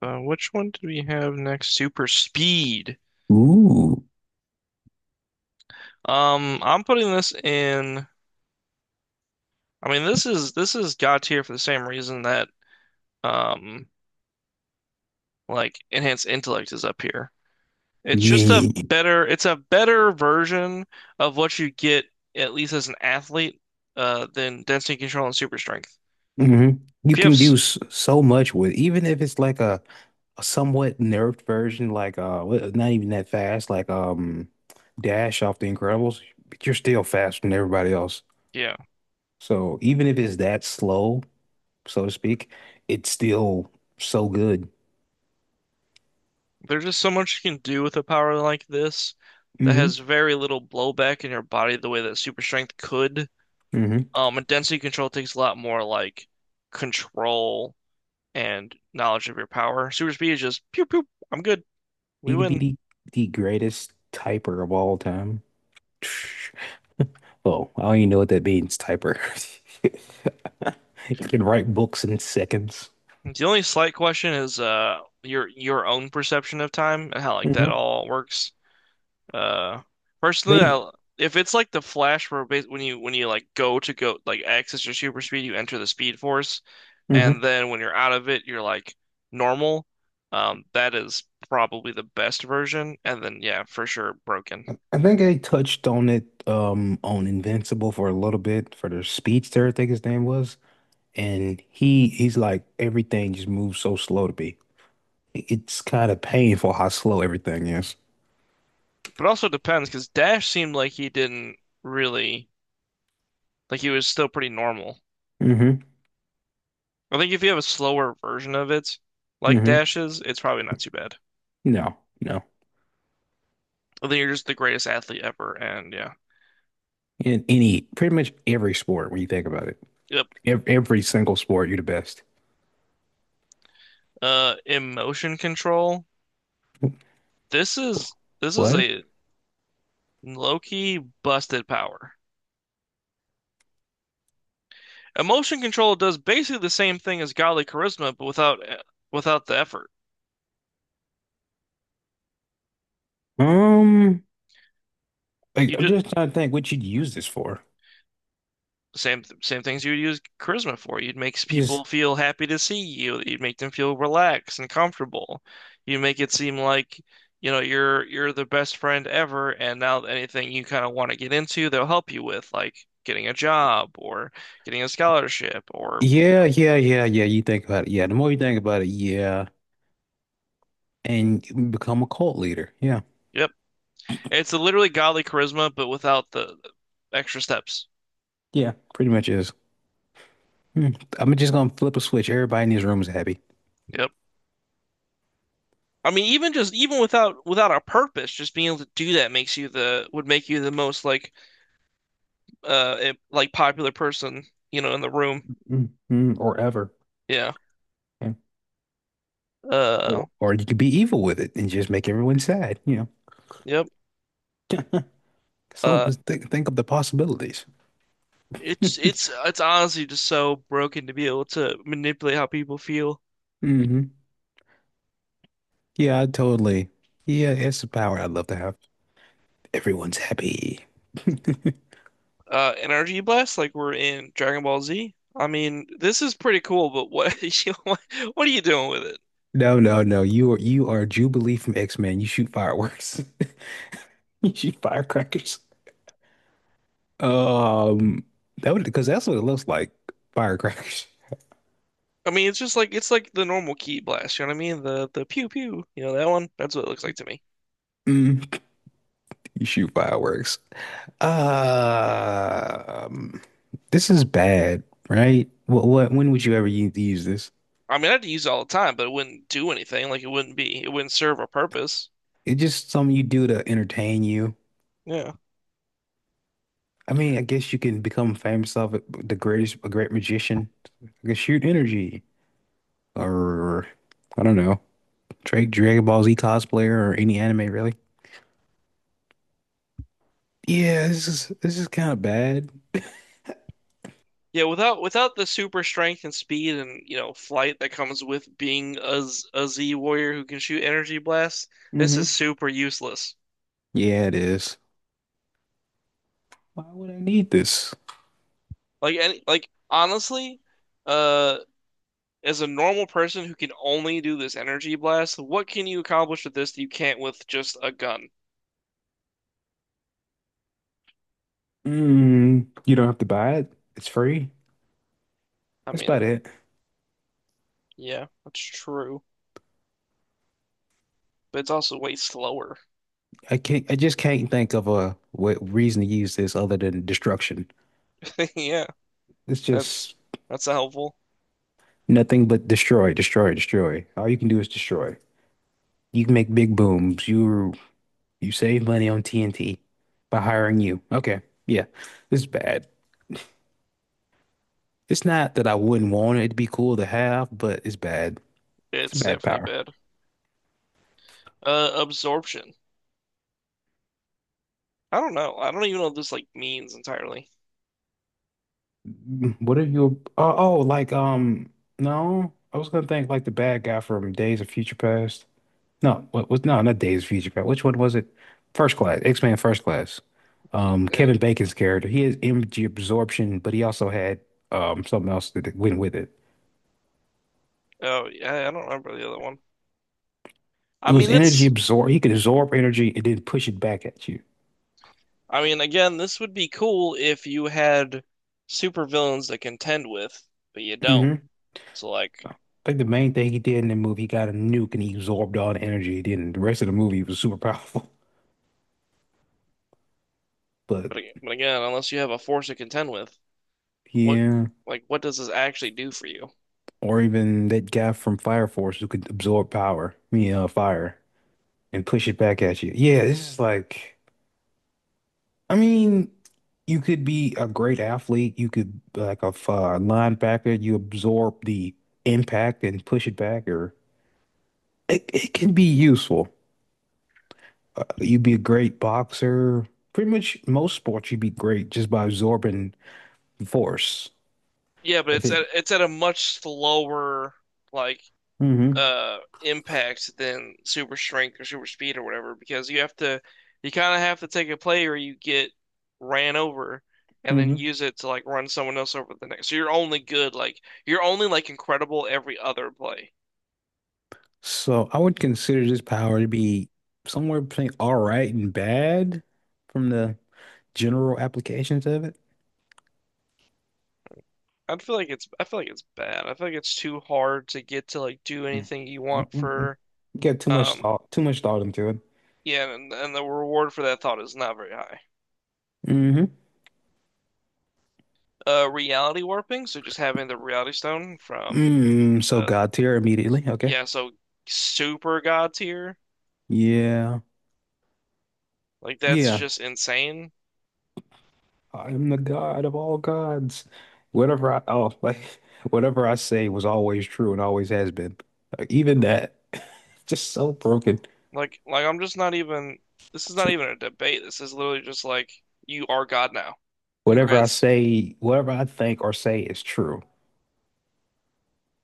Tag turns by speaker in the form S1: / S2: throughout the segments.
S1: Which one did we have next? Super speed.
S2: Ooh,
S1: I'm putting this in. I mean, this is God tier for the same reason that um, like enhanced intellect is up here. It's just a
S2: yeah.
S1: better. It's a better version of what you get at least as an athlete, than density control and super strength.
S2: hmm You
S1: If you have,
S2: can do
S1: s-
S2: so much with, even if it's like a somewhat nerfed version, like not even that fast, Dash off the Incredibles, but you're still faster than everybody else.
S1: yeah,
S2: So even if it's that slow, so to speak, it's still so good.
S1: there's just so much you can do with a power like this that
S2: hmm
S1: has very little blowback in your body the way that super strength could.
S2: hmm
S1: And density control takes a lot more like control and knowledge of your power. Super speed is just pew pew. I'm good. We
S2: You can be
S1: win.
S2: the greatest typer of all time. Oh, I don't even know what that means, typer. You can write books in seconds.
S1: The only slight question is your own perception of time and how like that
S2: Hmm
S1: all works. Uh, personally,
S2: They,
S1: I if it's like the Flash where bas when you like go to go like access your super speed, you enter the Speed Force, and
S2: hmm
S1: then when you're out of it, you're like normal. That is probably the best version, and then yeah, for sure broken.
S2: I think I touched on it on Invincible for a little bit for the speedster, I think his name was, and he's like everything just moves so slow to me. It's kind of painful how slow everything is.
S1: But also depends because Dash seemed like he didn't really like he was still pretty normal.
S2: hmm
S1: I think if you have a slower version of it, like
S2: hmm
S1: Dash's, it's probably not too bad.
S2: No, no.
S1: I think you're just the greatest athlete ever, and yeah.
S2: In any pretty much every sport when you think about it,
S1: Yep.
S2: every single sport, you're the best.
S1: Emotion control. This is this is
S2: What?
S1: a low-key busted power. Emotion control does basically the same thing as godly charisma, but without the effort.
S2: Um, like,
S1: You
S2: I'm
S1: just
S2: just trying to think what you'd use this for.
S1: same things you would use charisma for. You'd make people
S2: Just
S1: feel happy to see you. You'd make them feel relaxed and comfortable. You make it seem like, you know, you're the best friend ever, and now anything you kind of want to get into, they'll help you with, like getting a job or getting a scholarship or
S2: Yeah, yeah, yeah, yeah. You think about it. Yeah, the more you think about it, yeah, and you become a cult leader. Yeah,
S1: yep. It's literally godly charisma, but without the extra steps.
S2: yeah, pretty much is. Hmm. I'm just gonna flip a switch. Everybody in this room is happy.
S1: Yep. I mean, even without a purpose, just being able to do that makes you the would make you the most like like popular person, you know, in the room.
S2: Or ever.
S1: Yeah.
S2: Yeah.
S1: Uh
S2: Or you could be evil with it and just make everyone sad. You
S1: yep.
S2: know, so
S1: Uh
S2: just think of the possibilities.
S1: it's honestly just so broken to be able to manipulate how people feel.
S2: hmm Yeah, I totally. Yeah, it's a power I'd love to have. Everyone's happy.
S1: Energy blast like we're in Dragon Ball Z. I mean, this is pretty cool, but what you know, what are you doing with it?
S2: No, no, no. You are Jubilee from X-Men. You shoot fireworks. You shoot firecrackers. Um, that would because that's what it looks like. Firecrackers.
S1: I mean, it's just like it's like the normal key blast, you know what I mean? The pew pew, you know that one? That's what it looks like to me.
S2: Mm, you shoot fireworks. Um, this is bad, right? When would you ever use this?
S1: I mean, I'd use it all the time, but it wouldn't do anything. Like it wouldn't serve a purpose.
S2: It's just something you do to entertain you.
S1: Yeah.
S2: I mean, I guess you can become famous of it, the greatest, a great magician. I can shoot energy, or I don't know, Drake, Dragon Ball Z cosplayer, or any anime really. Yeah, this is kind of bad.
S1: Yeah, without the super strength and speed and you know flight that comes with being a Z warrior who can shoot energy blasts, this
S2: hmm
S1: is super useless.
S2: Yeah, it is. Why would I need this?
S1: Like any like honestly, uh, as a normal person who can only do this energy blast, what can you accomplish with this that you can't with just a gun?
S2: Mm, you don't have to buy it. It's free.
S1: I
S2: That's
S1: mean,
S2: about it.
S1: yeah, that's true, but it's also way slower.
S2: I just can't think of a what reason to use this other than destruction.
S1: Yeah,
S2: It's
S1: that's
S2: just
S1: not helpful.
S2: nothing but destroy, destroy, destroy. All you can do is destroy. You can make big booms. You save money on TNT by hiring you. Okay. Yeah. This is bad. It's not that I wouldn't want it to be cool to have, but it's bad. It's
S1: It's
S2: bad
S1: definitely
S2: power.
S1: bad. Absorption. I don't know. I don't even know what this like means entirely.
S2: What if you? Oh, oh, like no, I was gonna think like the bad guy from Days of Future Past. No, what was no, Not Days of Future Past. Which one was it? X-Men First Class. Kevin Bacon's character. He has energy absorption, but he also had something else that went with it.
S1: Oh, yeah, I don't remember the other one. I
S2: It was
S1: mean,
S2: energy
S1: it's.
S2: absorb. He could absorb energy and then push it back at you.
S1: I mean, again, this would be cool if you had supervillains to contend with, but you don't.
S2: hmm
S1: So, like,
S2: I think the main thing he did in the movie, he got a nuke and he absorbed all the energy. Then the rest of the movie was super powerful. But
S1: but again, unless you have a force to contend with, what,
S2: yeah.
S1: like, what does this actually do for you?
S2: Or even that guy from Fire Force who could absorb power, I mean, fire, and push it back at you. Yeah, this is like, I mean, you could be a great athlete. You could be like linebacker. You absorb the impact and push it back, or it can be useful. You'd be a great boxer. Pretty much most sports, you'd be great just by absorbing force.
S1: Yeah, but
S2: If
S1: it's
S2: it,
S1: at it's at a much slower, like,
S2: mm-hmm.
S1: impact than super strength or super speed or whatever because you kind of have to take a play or you get ran over and then use it to like run someone else over the next. So you're only good like you're only like incredible every other play.
S2: So I would consider this power to be somewhere between all right and bad from the general applications of it.
S1: I feel like it's bad. I feel like it's too hard to get to like do
S2: Mm,
S1: anything you
S2: mm,
S1: want
S2: mm, mm.
S1: for
S2: You got
S1: um
S2: too much thought into it.
S1: yeah, and the reward for that thought is not very high.
S2: hmm
S1: Reality warping, so just having the reality stone from
S2: Mm, so
S1: uh,
S2: God tier immediately. Okay.
S1: yeah, so super god tier.
S2: Yeah.
S1: Like that's
S2: Yeah.
S1: just insane.
S2: I am the God of all gods. Like whatever I say was always true and always has been. Like, even that, just so broken.
S1: Like I'm just not even . This is not even a debate. This is literally just like you are God now. Congrats.
S2: Whatever I think or say is true.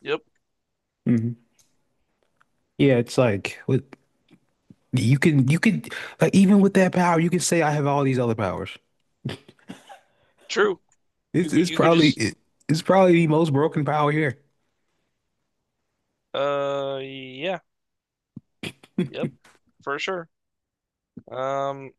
S1: Yep.
S2: Yeah, it's like with you can like even with that power, you can say I have all these other powers.
S1: True. You
S2: It's
S1: could you could just
S2: it's probably the most broken power here.
S1: yeah. Yep. For sure. Um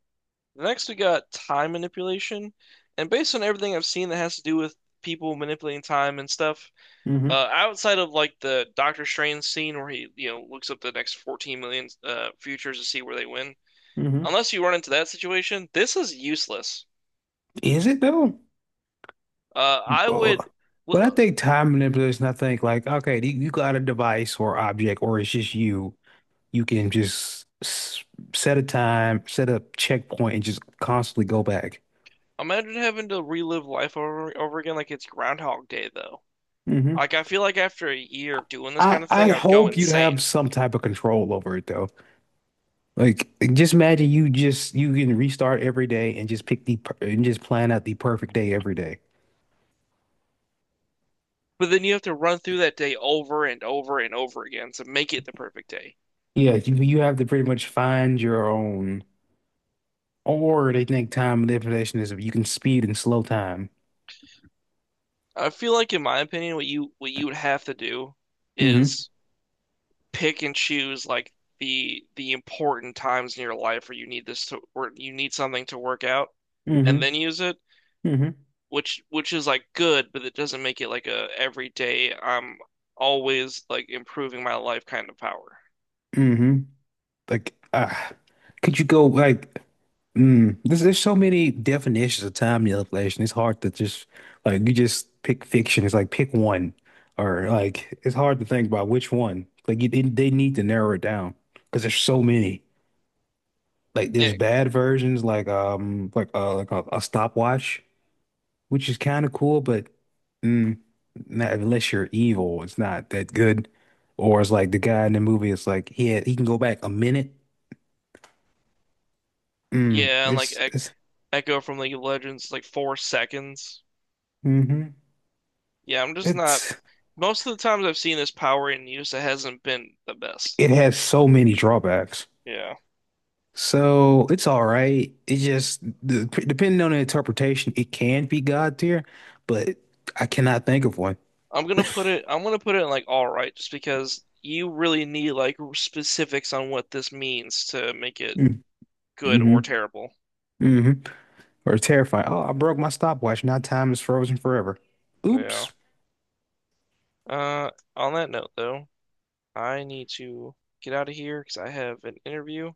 S1: next we got time manipulation. And based on everything I've seen that has to do with people manipulating time and stuff,
S2: hmm
S1: outside of like the Doctor Strange scene where he, you know, looks up the next 14 million futures to see where they win
S2: hmm
S1: unless you run into that situation, this is useless.
S2: Is it though?
S1: I would
S2: Uh, When I
S1: well,
S2: think time manipulation, I think like, okay, you got a device or object, or it's just you. You can just s set a time, set a checkpoint, and just constantly go back.
S1: imagine having to relive life over again like it's Groundhog Day, though.
S2: hmm
S1: Like I feel like after a year of doing this
S2: I
S1: kind of thing,
S2: 'd
S1: I'd go
S2: hope you'd have
S1: insane.
S2: some type of control over it though. Just imagine you just you can restart every day and just pick and just plan out the perfect day every day.
S1: But then you have to run through that day over and over and over again to make it the perfect day.
S2: Yeah, you have to pretty much find your own. Or they think time manipulation is if you can speed and slow time.
S1: I feel like, in my opinion, what you would have to do
S2: Mm-hmm.
S1: is pick and choose like the important times in your life where you need this to where you need something to work out, and
S2: Mm-hmm.
S1: then use it
S2: Mm-hmm.
S1: which is like good, but it doesn't make it like a everyday I'm always like improving my life kind of power.
S2: Mm-hmm. Like, uh, could you go there's so many definitions of time manipulation. It's hard to just like you just pick fiction. It's like pick one, or like it's hard to think about which one. They need to narrow it down because there's so many. Like there's
S1: Yeah,
S2: bad versions, a stopwatch, which is kind of cool, but mm, not, unless you're evil, it's not that good. Or it's like the guy in the movie. It's like he can go back a minute. Mm,
S1: yeah, and like ec
S2: it's
S1: Echo from League of Legends is like 4 seconds.
S2: hmm
S1: Yeah, I'm just not.
S2: It's
S1: Most of the times I've seen this power in use, it hasn't been the best.
S2: it has so many drawbacks.
S1: Yeah,
S2: So it's all right. Depending on the interpretation, it can be God tier, but I cannot think of one.
S1: I'm gonna put it in like all right, just because you really need like specifics on what this means to make it
S2: Mm.
S1: good or
S2: hmm
S1: terrible.
S2: hmm Or terrifying. Oh, I broke my stopwatch. Now time is frozen forever.
S1: Yeah.
S2: Oops.
S1: Uh, on that note though, I need to get out of here because I have an interview.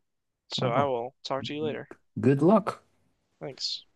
S1: So I
S2: Oh,
S1: will talk to you later.
S2: good luck.
S1: Thanks.